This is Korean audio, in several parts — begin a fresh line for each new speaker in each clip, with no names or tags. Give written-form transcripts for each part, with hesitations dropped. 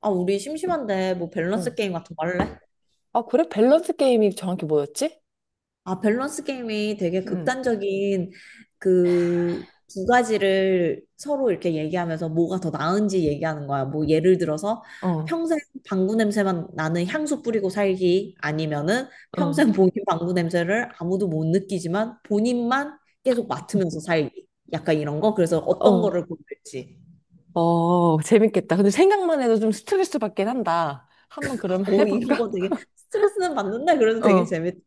아, 우리 심심한데 뭐 밸런스
응.
게임 같은 거 할래?
아, 그래? 밸런스 게임이 정확히 뭐였지?
아, 밸런스 게임이 되게
응,
극단적인 그 두 가지를 서로 이렇게 얘기하면서 뭐가 더 나은지 얘기하는 거야. 뭐 예를 들어서
어.
평생 방구 냄새만 나는 향수 뿌리고 살기 아니면은 평생 본인 방구 냄새를 아무도 못 느끼지만 본인만 계속 맡으면서 살기. 약간 이런 거. 그래서 어떤
어,
거를 고를지.
어, 재밌겠다. 근데 생각만 해도 좀 스트레스 받긴 한다. 한번 그러면
이런
해볼까?
거 되게 스트레스는 받는다. 그래도 되게
어,
재밌더라고.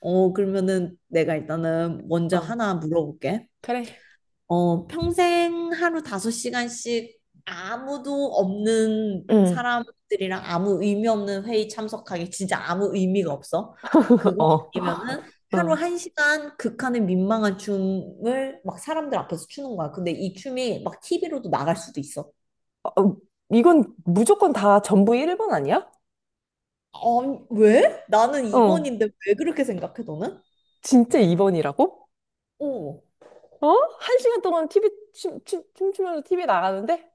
그러면은 내가 일단은 먼저
어.
하나 물어볼게.
그래.
평생 하루 5시간씩 아무도 없는
응.
사람들이랑 아무 의미 없는 회의 참석하기. 진짜 아무 의미가 없어. 그거
어.
아니면은 하루
응.
1시간 극한의 민망한 춤을 막 사람들 앞에서 추는 거야. 근데 이 춤이 막 TV로도 나갈 수도 있어.
어, 이건 무조건 다 전부 1번 아니야?
아, 왜? 나는
어,
2번인데 왜 그렇게 생각해, 너는?
진짜 2번이라고?
어.
어? 한 시간 동안 TV, 춤, 춤, 춤추면서 TV 나가는데?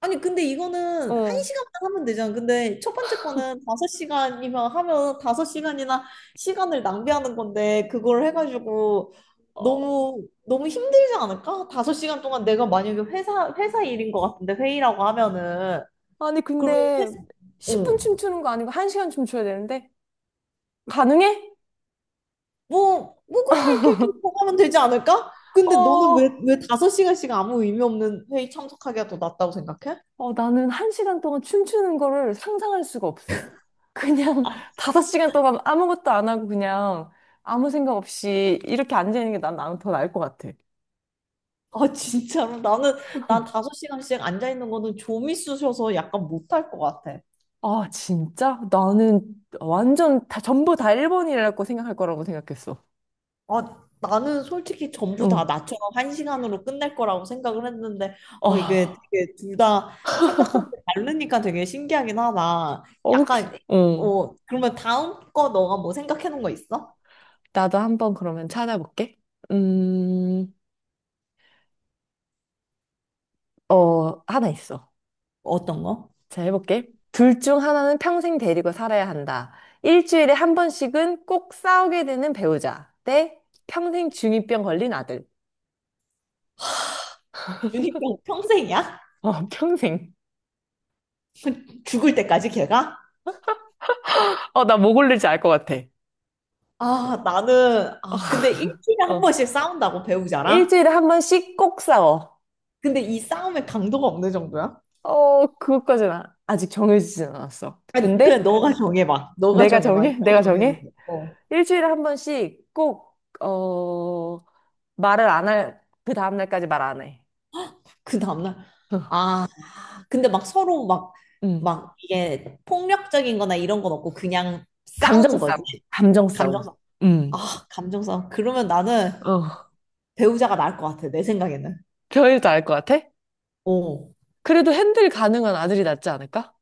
아니 근데 이거는 한
어.
시간만 하면 되잖아. 근데 첫 번째 거는 5시간이면, 하면 5시간이나 시간을 낭비하는 건데, 그걸 해가지고
어.
너무 너무 힘들지 않을까? 5시간 동안 내가 만약에 회사 일인 것 같은데 회의라고 하면은
아니,
그러면
근데
회사.
10분
응,
춤추는 거 아니고 한 시간 춤춰야 되는데? 가능해?
뭐 뭐그냥 이렇게 이렇게 하면 되지 않을까? 근데 너는
어,
왜 5시간씩 아무 의미 없는 회의 참석하기가 더 낫다고 생각해?
어, 나는 한 시간 동안 춤추는 거를 상상할 수가 없어. 그냥 다섯 시간 동안 아무것도 안 하고 그냥 아무 생각 없이 이렇게 앉아있는 게 나는 더 나을 것 같아.
아, 진짜로? 난 5시간씩 앉아있는 거는 좀 있으셔서 약간 못할 것 같아.
아, 진짜? 나는 전부 다 일본이라고 생각할 거라고 생각했어.
아, 나는 솔직히 전부 다
응.
나처럼 1시간으로 끝낼 거라고 생각을 했는데, 어, 이게
아,
되게 둘 다 생각하는 게 다르니까 되게 신기하긴 하다.
어, 혹시,
약간,
응.
어, 그러면 다음 거 너가 뭐 생각해 놓은 거 있어?
나도 한번 그러면 찾아볼게. 음, 어, 하나 있어.
어떤 거?
자, 해볼게. 둘 중 하나는 평생 데리고 살아야 한다. 일주일에 한 번씩은 꼭 싸우게 되는 배우자. 대 평생 중이병 걸린 아들.
주니평 평생이야?
어, 평생.
죽을 때까지 걔가?
어, 나 뭐 고를지 알 것 같아.
아, 근데 일주일에 한
어.
번씩 싸운다고 배우자랑?
일주일에 한 번씩 꼭 싸워.
근데 이 싸움의 강도가 어느 정도야?
어, 아직 정해지진 않았어.
아니,
근데
그냥 너가 정해봐. 너가
내가
정해봐.
정해?
너
내가
정해도
정해?
돼. 어.
일주일에 한 번씩 꼭, 어, 말을 안 할, 그 다음날까지 말 안 해.
그 다음날, 아, 근데 막 서로 막,
응.
막 이게 폭력적인 거나 이런 건 없고 그냥
감정
싸우는
싸움.
거지.
감정 싸움.
감정싸움.
음.
아, 감정싸움. 그러면 나는
어,
배우자가 나을 것 같아. 내 생각에는.
겨울도 알 것 같아?
어.
그래도 핸들 가능한 아들이 낫지 않을까?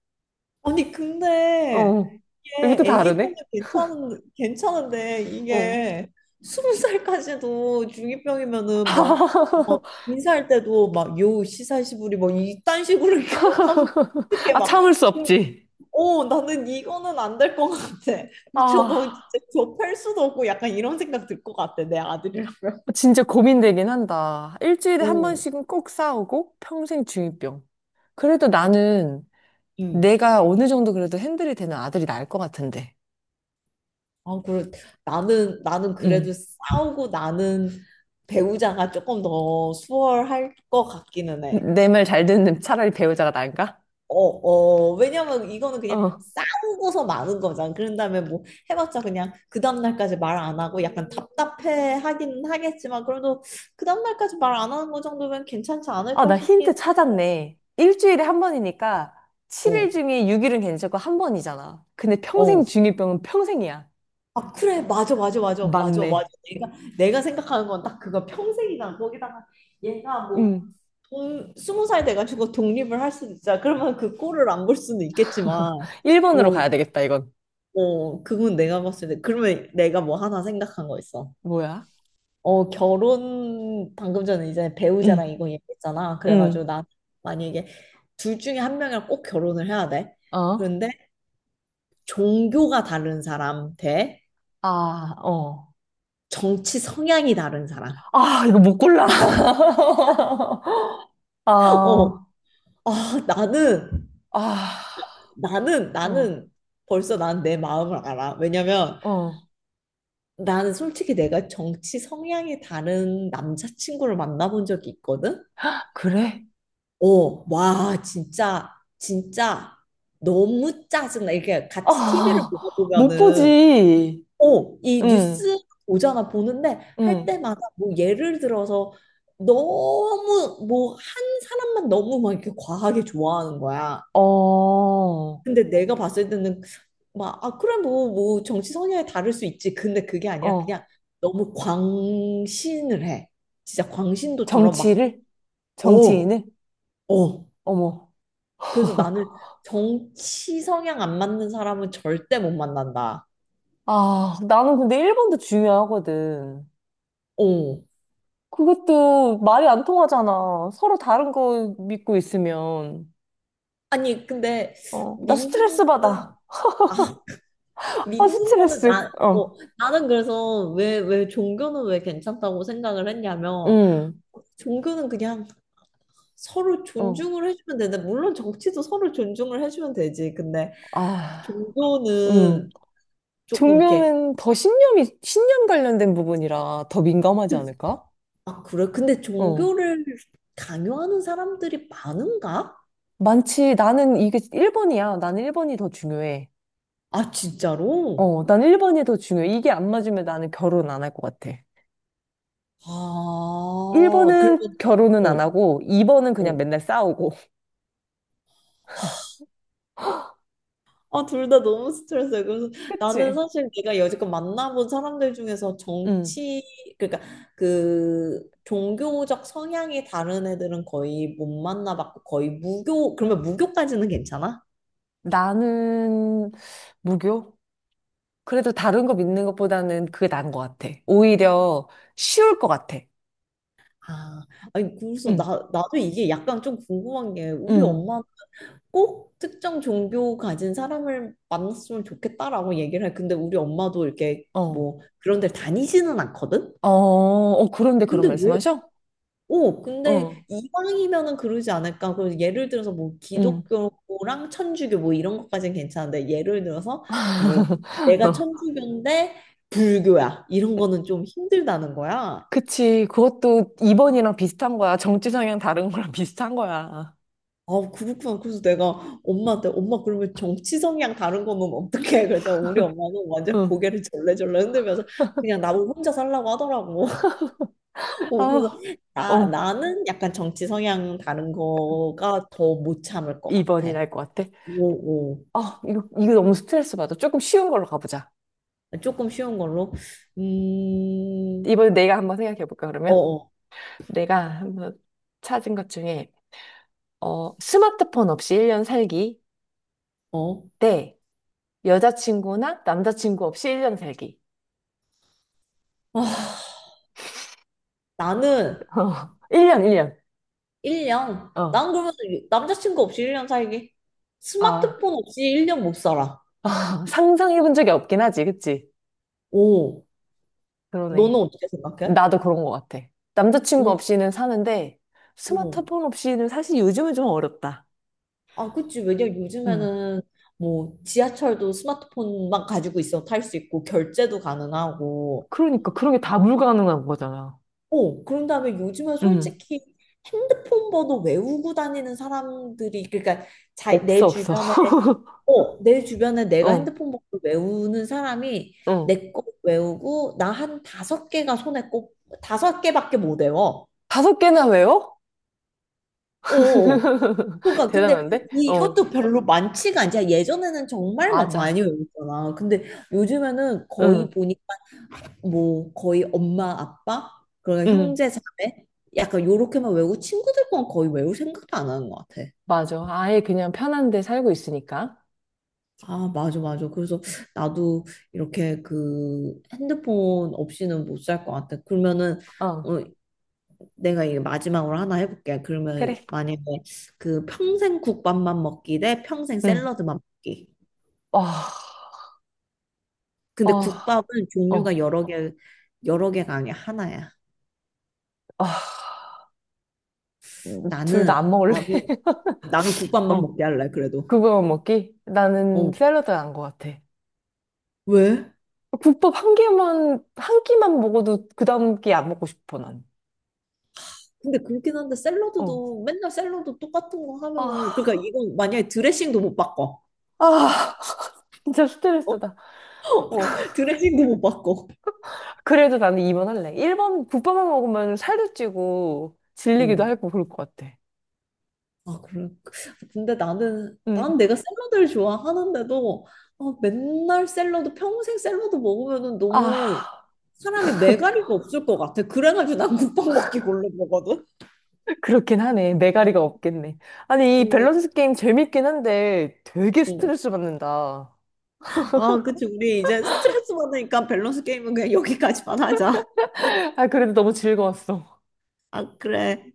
아니 근데
어, 이것도
이게 아기 때는
다르네?
괜찮은데
어.
이게 20살까지도 중이병이면은 막 막 인사할 때도 막 요 시사시부리 뭐 이딴 식으로 하면 어떻게
아, 참을 수 없지.
막오. 나는 이거는 안 될 것 같아. 저거 진짜
아,
저 펼 수도 없고 약간 이런 생각 들 것 같아 내 아들이라면.
진짜 고민되긴 한다. 일주일에 한
오,
번씩은 꼭 싸우고 평생 중이병. 그래도 나는
응.
내가 어느 정도 그래도 핸들이 되는 아들이 나을 것 같은데.
아, 그래. 나는 그래도
응.
싸우고 나는 배우자가 조금 더 수월할 것 같기는 해.
내 말 잘 듣는 차라리 배우자가 나은가?
어, 어, 왜냐면 이거는 그냥
어.
싸우고서 마는 거잖아. 그런 다음에 뭐 해봤자 그냥 그 다음날까지 말 안 하고 약간 답답해 하긴 하겠지만 그래도 그 다음날까지 말 안 하는 거 정도면 괜찮지
아,
않을까
나 힌트
싶긴.
찾았네. 일주일에 한 번이니까
어,
7일 중에 6일은 괜찮고 한 번이잖아. 근데 평생
어.
중이병은 평생이야.
아, 그래. 맞아, 맞아, 맞아, 맞아, 맞아.
맞네.
내가 생각하는 건 딱 그거 평생이잖아. 거기다가 얘가 뭐
응.
돈 20살 돼가지고 독립을 할 수도 있잖아. 그러면 그 꼴을 안 볼 수는 있겠지만,
1번으로
뭐,
가야 되겠다, 이건.
어, 그건 내가 봤을 때, 그러면 내가 뭐 하나 생각한 거 있어.
뭐야?
어, 결혼, 방금 전에 이제
응,
배우자랑 이거 얘기했잖아.
응,
그래가지고 난 만약에 둘 중에 한 명이랑 꼭 결혼을 해야 돼.
어?
그런데 종교가 다른 사람 대
아, 어.
정치 성향이 다른 사람.
아, 이거 못 골라.
어,
아,
아, 나는,
아, 어,
나는 벌써 난 내 마음을 알아. 왜냐면
어.
나는 솔직히 내가 정치 성향이 다른 남자친구를 만나본 적이 있거든?
그래?
어, 와, 진짜, 진짜 너무 짜증나. 이렇게 같이 TV를
아,
보다
못
보면은,
보지.
어, 이 뉴스
응,
오잖아, 보는데 할
응.
때마다 뭐 예를 들어서 너무 뭐 한 사람만 너무 막 이렇게 과하게 좋아하는 거야.
어,
근데 내가 봤을 때는 막, 아, 그래, 뭐, 정치 성향이 다를 수 있지. 근데 그게 아니라
어.
그냥 너무 광신을 해. 진짜 광신도처럼 막,
정치를?
어,
정치인을?
어.
어머.
그래서 나는 정치 성향 안 맞는 사람은 절대 못 만난다.
아, 나는 근데 1번도 중요하거든.
어.
그것도 말이 안 통하잖아. 서로 다른 거 믿고 있으면.
아니, 근데
어, 나 스트레스
믿는 거는,
받아.
아,
아,
믿는 거는
스트레스.
나, 어,
어,
나는 그래서 왜 종교는 왜 괜찮다고 생각을 했냐면,
응,
종교는 그냥 서로
어,
존중을 해주면 되는데, 물론 정치도 서로 존중을 해주면 되지. 근데
아, 응.
종교는 조금 이렇게,
종교는 더 신념 관련된 부분이라 더 민감하지 않을까?
아, 그래? 근데
어.
종교를 강요하는 사람들이 많은가?
많지. 나는 이게 1번이야. 나는 1번이 더 중요해.
아, 진짜로?
어, 난 1번이 더 중요해. 이게 안 맞으면 나는 결혼 안 할 것 같아.
아, 그러면,
1번은 결혼은
어,
안 하고 2번은 그냥
어.
맨날 싸우고.
아, 둘 다 너무 스트레스예요. 그래서 나는
그치?
사실 내가 여지껏 만나본 사람들 중에서
음.
정치, 그러니까 그 종교적 성향이 다른 애들은 거의 못 만나봤고 거의 무교, 그러면 무교까지는 괜찮아?
나는 무교? 그래도 다른 거 믿는 것보다는 그게 나은 것 같아. 오히려 쉬울 것 같아.
아, 아니, 그래서
응,
나, 나도 이게 약간 좀 궁금한 게 우리
응,
엄마 꼭 특정 종교 가진 사람을 만났으면 좋겠다라고 얘기를 해. 근데 우리 엄마도 이렇게
어.
뭐 그런 데 다니지는 않거든?
어, 어, 그런데 그런
근데 왜,
말씀하셔?
오, 근데
어,
이방이면은 그러지 않을까? 그 예를 들어서 뭐
응.
기독교랑 천주교 뭐 이런 것까지는 괜찮은데 예를 들어서 뭐 내가 천주교인데 불교야 이런 거는 좀 힘들다는 거야.
그치. 그것도 2번이랑 비슷한 거야. 정치 성향 다른 거랑 비슷한 거야.
아, 그렇구나. 그래서 내가 엄마한테 엄마 그러면 정치 성향 다른 거는 어떻게 해? 그랬더니 우리 엄마는 완전
응.
고개를 절레절레 흔들면서 그냥 나보고 혼자 살라고 하더라고. 어, 그래서
아,
나,
어.
나는 약간 정치 성향 다른 거가 더 못 참을 것
2번이
같아.
날 것 같아.
오, 오.
아, 이거, 이거 너무 스트레스 받아. 조금 쉬운 걸로 가보자.
조금 쉬운 걸로. 음,
이번에 내가 한번 생각해 볼까,
어,
그러면?
어,
내가 한번 찾은 것 중에, 어, 스마트폰 없이 1년 살기
어.
대 여자친구나 남자친구 없이 1년 살기.
아, 나는
어, 1년, 1년.
1년.
어,
난 그러면 남자친구 없이 1년 살기.
아,
스마트폰 없이 1년 못 살아.
상상해 본 적이 없긴 하지, 그치?
오, 너는
그러네.
어떻게 생각해?
나도 그런 것 같아. 남자친구
오,
없이는 사는데,
오.
스마트폰 없이는 사실 요즘은 좀 어렵다.
아, 그치. 왜냐면
응.
요즘에는 뭐 지하철도 스마트폰만 가지고 있어 탈 수 있고 결제도 가능하고,
그러니까 그런 게 다 불가능한 거잖아.
어, 그런 다음에 요즘은
음.
솔직히 핸드폰 번호 외우고 다니는 사람들이 그러니까 자, 내
없어, 없어.
주변에, 어, 내 주변에 내가
어,
핸드폰 번호 외우는 사람이
어.
내 거 외우고 나 한 5개가 손에 꼽. 5개밖에 못 외워.
다섯 개나 외워?
어. 어, 어. 그러니까 근데
대단한데? 어,
이것도 별로 많지가 않지. 예전에는 정말 막 많이
맞아.
외웠잖아. 근데 요즘에는 거의
응,
보니 뭐 거의 엄마 아빠 그러면
응,
형제 자매 약간 요렇게만 외우고 친구들 건 거의 외울 생각도 안 하는 것 같아.
맞아. 아예 그냥 편한 데 살고 있으니까.
아 맞아 맞아. 그래서 나도 이렇게 그 핸드폰 없이는 못 살 것 같아. 그러면은
어,
어, 내가 이게 마지막으로 하나 해볼게. 그러면
그래.
만약에 그 평생 국밥만 먹기 대 평생
응.
샐러드만 먹기.
어,
근데
어,
국밥은
어,
종류가 여러 개 여러 개가 아니야 하나야.
어. 둘 다
나는
안 먹을래?
나는 나는 국밥만
어,
먹게 할래 그래도.
그거 먹기? 나는
어
샐러드 안것 같아.
왜?
국밥 한 개만, 한 끼만 먹어도 그 다음 끼 안 먹고 싶어, 난.
근데 그렇긴 한데
어.
샐러드도 맨날 샐러드 똑같은 거 하면은 그러니까
아,
이건 만약에 드레싱도 못 바꿔.
아, 진짜
어,
스트레스다.
어, 드레싱도 못 바꿔.
그래도 나는 2번 할래. 1번 국밥만 먹으면 살도 찌고 질리기도
어.
하고 그럴 것 같아.
아, 그래. 근데 나는 난
응.
내가 샐러드를 좋아하는데도 아, 맨날 샐러드 평생 샐러드 먹으면은 너무
아,
사람이 매가리가 없을 것 같아. 그래가지고 난 국밥 먹기 골라 먹거든.
그렇긴 하네. 매가리가 없겠네. 아니, 이
음,
밸런스 게임 재밌긴 한데 되게
음.
스트레스 받는다.
아, 그치. 우리 이제 스트레스 받으니까 밸런스 게임은 그냥 여기까지만 하자.
아, 그래도 너무 즐거웠어.
아, 그래.